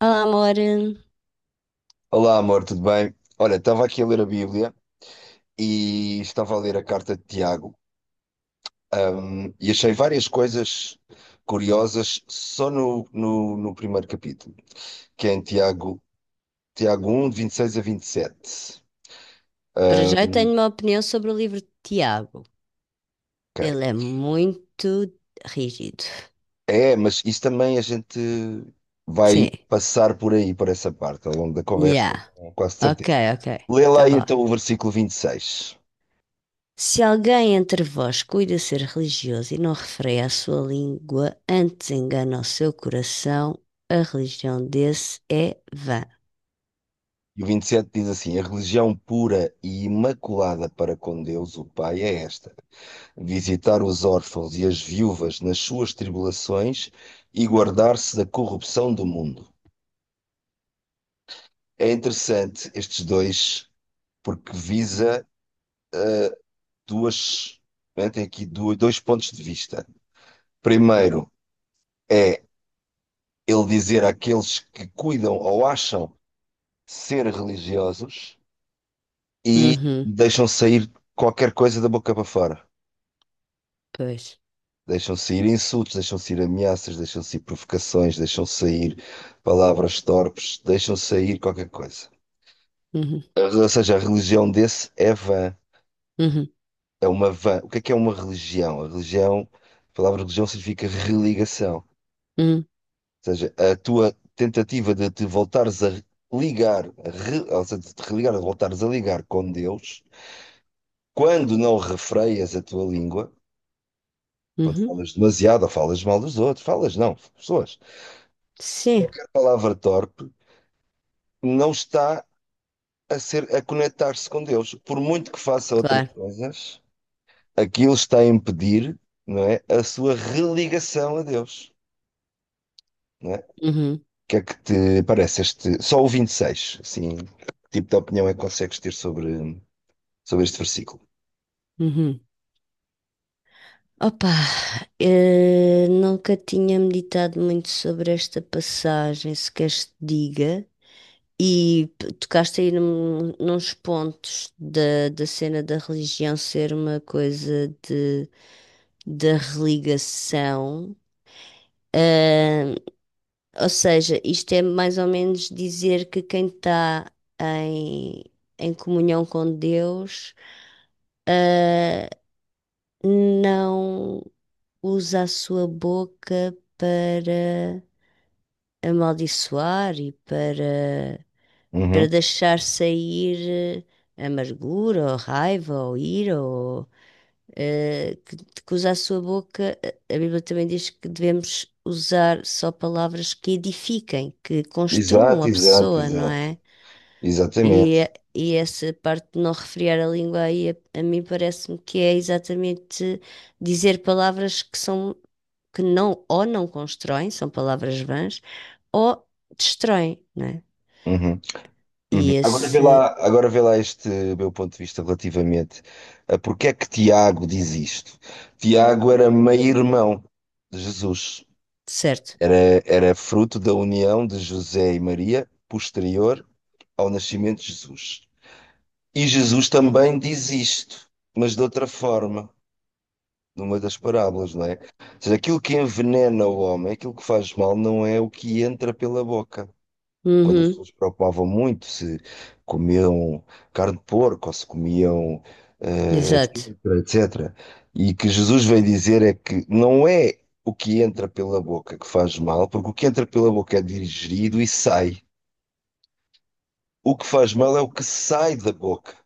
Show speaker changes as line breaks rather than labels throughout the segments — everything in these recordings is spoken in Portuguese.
Olá, amor.
Olá, amor, tudo bem? Olha, estava aqui a ler a Bíblia e estava a ler a carta de Tiago, e achei várias coisas curiosas só no primeiro capítulo, que é em Tiago, Tiago 1, de 26 a 27.
Para já eu tenho uma opinião sobre o livro de Tiago.
Ok.
Ele é muito rígido.
É, mas isso também a gente vai
Sim.
passar por aí, por essa parte, ao longo da conversa,
Yeah.
com quase
Ok,
certeza.
ok.
Lê lá
Tá
aí,
bom.
então o versículo 26
Se alguém entre vós cuida ser religioso e não refreia a sua língua, antes engana o seu coração, a religião desse é vã.
e o 27 diz assim: a religião pura e imaculada para com Deus, o Pai, é esta. Visitar os órfãos e as viúvas nas suas tribulações e guardar-se da corrupção do mundo. É interessante estes dois, porque visa duas, né, tem aqui dois pontos de vista. Primeiro é ele dizer àqueles que cuidam ou acham ser religiosos e
Uhum.
deixam sair qualquer coisa da boca para fora.
Pois.
Deixam sair insultos, deixam sair ameaças, deixam sair provocações, deixam sair palavras torpes, deixam sair qualquer coisa.
Uhum.
Ou seja, a religião desse é vã,
Uhum.
é uma vã. O que é uma religião? A religião, a palavra religião significa religação. Ou
Uhum.
seja, a tua tentativa de te voltares a ligar, ou seja, de te religar, de voltares a ligar com Deus, quando não refreias a tua língua, quando
Uhum.
falas demasiado ou falas mal dos outros, falas não, pessoas.
Sim,
Qualquer palavra torpe não está a conectar-se com Deus. Por muito que faça outras
claro.
coisas, aquilo está a impedir, não é, a sua religação a Deus, não é? O
Uhum.
que é que te parece este, só o 26, assim, que tipo de opinião é que consegues ter sobre este versículo?
Uhum. Opa, nunca tinha meditado muito sobre esta passagem, se queres te diga, e tocaste aí nos pontos da cena da religião ser uma coisa de, da religação. Eh, ou seja, isto é mais ou menos dizer que quem está em, em comunhão com Deus, eh, não usa a sua boca para amaldiçoar e para, para
Uhum.
deixar sair amargura ou raiva ou ira ou eh, que, que usar a sua boca. A Bíblia também diz que devemos usar só palavras que edifiquem, que construam
Exato,
a
exato,
pessoa, não
exato.
é? E,
Exatamente.
e essa parte de não refriar a língua aí, a mim parece-me que é exatamente dizer palavras que são, que não, ou não constroem, são palavras vãs, ou destroem, não é?
Uhum. Uhum.
E esse,
Agora vê lá este meu ponto de vista relativamente a porque é que Tiago diz isto. Tiago era meio-irmão de Jesus,
certo,
era, era fruto da união de José e Maria posterior ao nascimento de Jesus. E Jesus também diz isto, mas de outra forma, numa das parábolas, não é? Ou seja, aquilo que envenena o homem, aquilo que faz mal, não é o que entra pela boca, quando as
uhum,
pessoas se preocupavam muito se comiam carne de porco ou se comiam,
exato,
etc. E que Jesus veio dizer é que não é o que entra pela boca que faz mal, porque o que entra pela boca é digerido e sai. O que faz mal é o que sai da boca,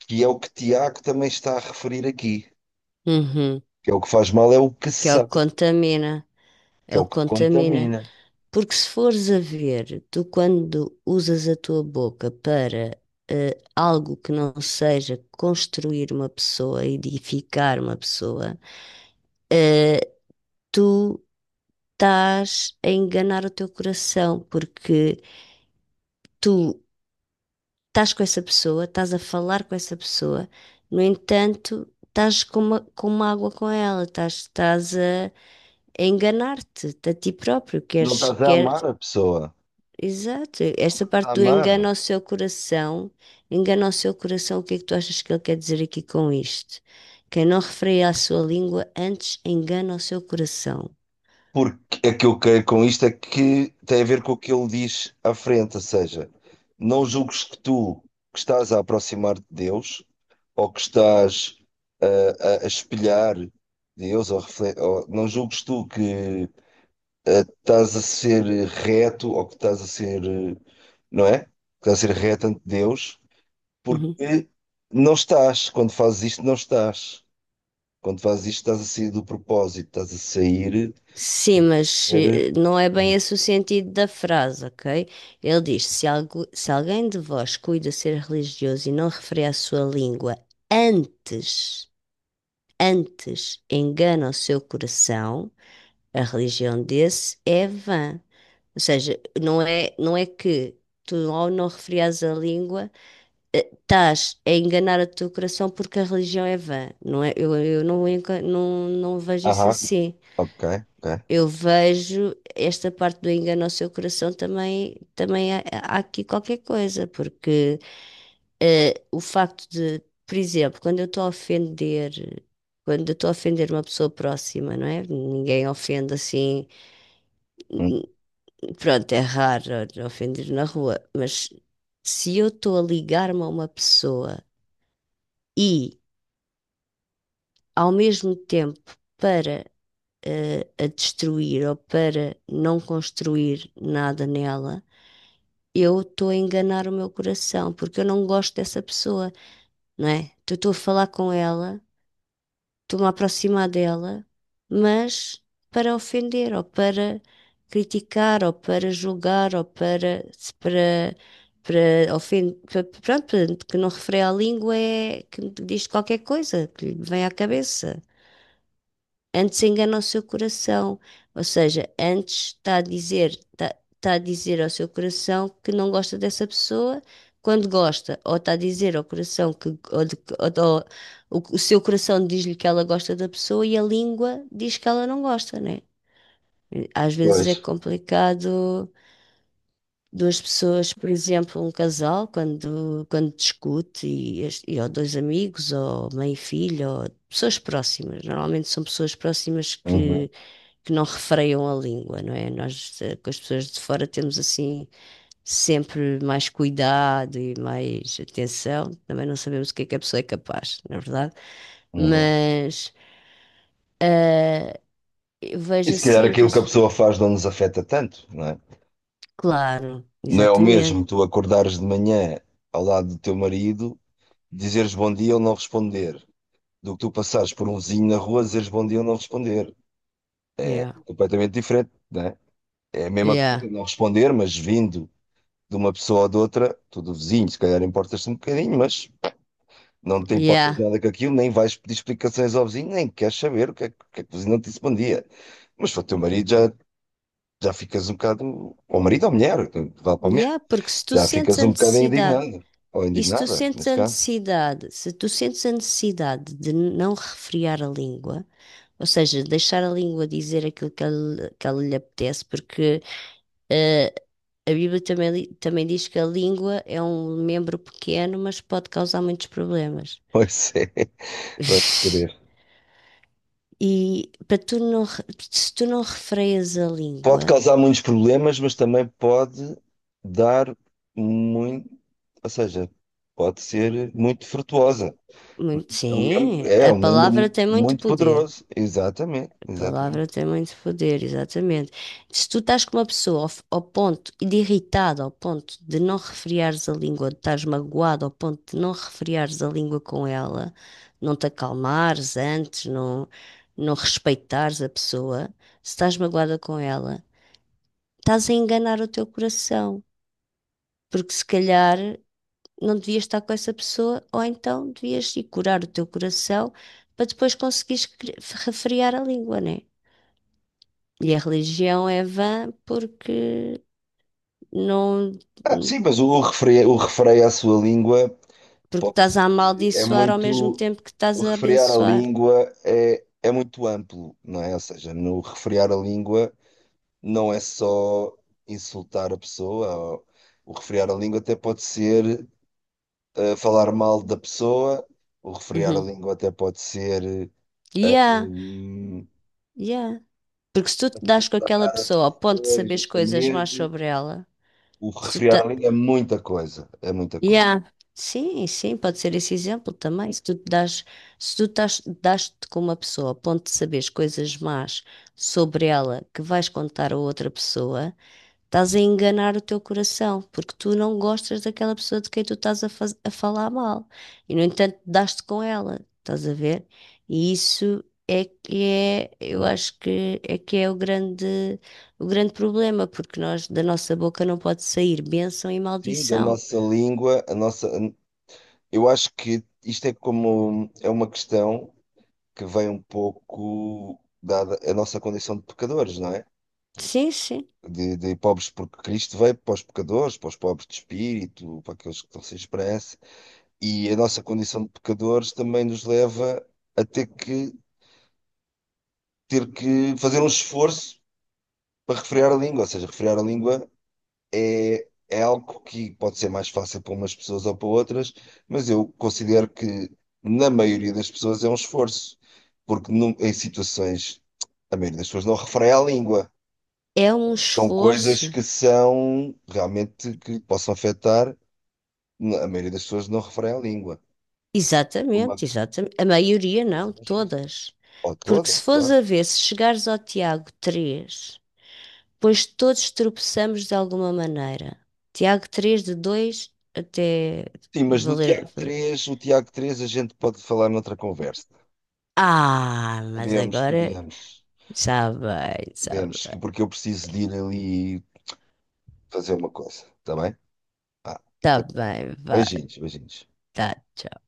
que é o que Tiago também está a referir aqui.
uhum.
Que é o que faz mal é o que
Que ele
sai,
contamina,
que é
ele
o que
contamina.
contamina.
Porque se fores a ver, tu quando usas a tua boca para algo que não seja construir uma pessoa, edificar uma pessoa, eh, tu estás a enganar o teu coração, porque tu estás com essa pessoa, estás a falar com essa pessoa, no entanto, estás com uma água com ela, estás, estás a enganar-te a ti próprio,
Não
queres,
estás a
quer,
amar a pessoa,
exato,
estás
esta
a
parte do engano
amar.
ao seu coração, engana ao seu coração, o que é que tu achas que ele quer dizer aqui com isto? Quem não refreia a sua língua antes engana o seu coração.
Porque é que eu quero com isto é que tem a ver com o que ele diz à frente, ou seja, não julgues que tu que estás a aproximar de Deus ou que estás a, a espelhar Deus ou não julgues tu que estás a ser reto ou que estás a ser, não é? Que estás a ser reto ante Deus
Uhum.
porque não estás, quando fazes isto não estás. Quando fazes isto estás a sair do propósito, estás a sair, estás
Sim,
a
mas
ser
não é bem
hum,
esse o sentido da frase, ok? Ele diz: se, se alguém de vós cuida ser religioso e não refere à sua língua, antes, antes engana o seu coração, a religião desse é vã. Ou seja, não é, não é que tu, ao não referias à língua, estás a enganar o teu coração porque a religião é vã. Não é, eu não, não vejo isso
Aham,
assim.
ok, ok.
Eu vejo esta parte do engano ao seu coração também, também há, há aqui qualquer coisa, porque o facto de, por exemplo, quando eu estou a ofender, quando eu estou a ofender uma pessoa próxima, não é? Ninguém ofende assim,
Hum.
pronto, é raro ofender na rua, mas se eu estou a ligar-me a uma pessoa e ao mesmo tempo para a destruir ou para não construir nada nela eu estou a enganar o meu coração, porque eu não gosto dessa pessoa, não é? Então, eu estou a falar com ela, estou-me a aproximar dela, mas para ofender, ou para criticar, ou para julgar, ou para, para, para ofender, pronto, que não refere à língua, é que diz qualquer coisa que lhe vem à cabeça. Antes engana o seu coração, ou seja, antes está a dizer, está, está a dizer ao seu coração que não gosta dessa pessoa quando gosta, ou está a dizer ao coração que ou- ou o seu coração diz-lhe que ela gosta da pessoa e a língua diz que ela não gosta, né? Às vezes
Pois.
é complicado duas pessoas, por exemplo, um casal, quando, quando discute, e ou dois amigos, ou mãe e filho, ou pessoas próximas. Normalmente são pessoas próximas
Uhum,
que não refreiam a língua, não é? Nós, com as pessoas de fora, temos assim sempre mais cuidado e mais atenção. Também não sabemos o que é que a pessoa é capaz, na verdade.
uhum.
Mas eh, eu
E
vejo
se calhar
assim que.
aquilo que a
as-
pessoa faz não nos afeta tanto, não é?
Claro,
Não é o
exatamente.
mesmo tu acordares de manhã ao lado do teu marido, dizeres bom dia ou não responder, do que tu passares por um vizinho na rua, dizeres bom dia ou não responder.
Yeah.
Completamente diferente, não é? É a mesma coisa
Yeah.
não responder, mas vindo de uma pessoa ou de outra, tu do vizinho, se calhar importas-te um bocadinho, mas não te importas
Yeah.
nada com aquilo, nem vais pedir explicações ao vizinho, nem queres saber o que é que, o que é que o vizinho não te disse bom dia. Mas para o teu marido já, já ficas um bocado, ou marido ou mulher, vale para a mulher,
Yeah, porque se tu
já
sentes
ficas
a
um bocado
necessidade.
indignado, ou
E se tu
indignada,
sentes
nesse
a
caso.
necessidade, se tu sentes a necessidade de não refrear a língua, ou seja, deixar a língua dizer aquilo que ela lhe apetece, porque eh, a Bíblia também, também diz que a língua é um membro pequeno, mas pode causar muitos problemas.
Pois é, vai querer.
E para tu. Se tu não refreias a
Pode
língua,
causar muitos problemas, mas também pode dar muito, ou seja, pode ser muito frutuosa.
muito, sim,
É
a
um membro
palavra tem muito
muito
poder.
poderoso. Exatamente, exatamente.
Palavra tem muito poder, exatamente. Se tu estás com uma pessoa ao ponto de irritada, ao ponto de não refriares a língua, de estás magoado, ao ponto de não refriares a língua com ela, não te acalmares antes, não, não respeitares a pessoa, se estás magoada com ela, estás a enganar o teu coração, porque se calhar não devias estar com essa pessoa, ou então devias ir curar o teu coração para depois conseguires refriar a língua, né? E a religião é vã porque não,
Ah, sim, mas o refreio à sua língua
porque estás a
é
amaldiçoar ao mesmo
muito.
tempo que estás
O
a
refrear a
abençoar.
língua é, é muito amplo, não é? Ou seja, no refrear a língua não é só insultar a pessoa. O refrear a língua até pode ser falar mal da pessoa. O refrear a
Uhum.
língua até pode ser.
Yeah,
hum,
yeah. Porque se tu te das com aquela pessoa ao ponto de
Pois,
saberes coisas más
justamente.
sobre ela,
O
se tu
refrear
ta-
a língua é muita coisa. É muita coisa.
yeah. Sim, sim, pode ser esse exemplo também. Se tu te das, se tu estás, das-te com uma pessoa ao ponto de saberes coisas más sobre ela que vais contar a outra pessoa, estás a enganar o teu coração, porque tu não gostas daquela pessoa de quem tu estás a falar mal. E, no entanto, dás-te com ela, estás a ver? E isso é que é, eu
Uhum.
acho que é o grande problema, porque nós, da nossa boca não pode sair bênção e
Sim, da
maldição.
nossa língua, a nossa. Eu acho que isto é como. É uma questão. Que vem um pouco dada a nossa condição de pecadores, não é?
Sim, sim.
De pobres, porque Cristo veio para os pecadores, para os pobres de espírito, para aqueles que estão sem esperança, e a nossa condição de pecadores também nos leva a ter que fazer um esforço para refrear a língua, ou seja, refrear a língua é, é algo que pode ser mais fácil para umas pessoas ou para outras, mas eu considero que na maioria das pessoas é um esforço, porque em situações a maioria das pessoas não refreia a língua.
É um
São coisas
esforço.
que são realmente que possam afetar. A maioria das pessoas não refreia a língua. Como a
Exatamente, exatamente. A maioria não,
fazer os filhos.
todas.
Ou
Porque
toda,
se fores
claro.
a ver, se chegares ao Tiago 3 pois todos tropeçamos de alguma maneira. Tiago 3:2 até
Sim, mas no
valer.
Tiago
valer-
3, o Tiago 3 a gente pode falar noutra conversa.
Ah, mas
Podemos,
agora.
podemos,
Está bem, está
podemos,
bem.
que porque eu preciso de ir ali fazer uma coisa, tá bem? Vá.
Está bem, vá.
Beijinhos, beijinhos.
Tá, tchau.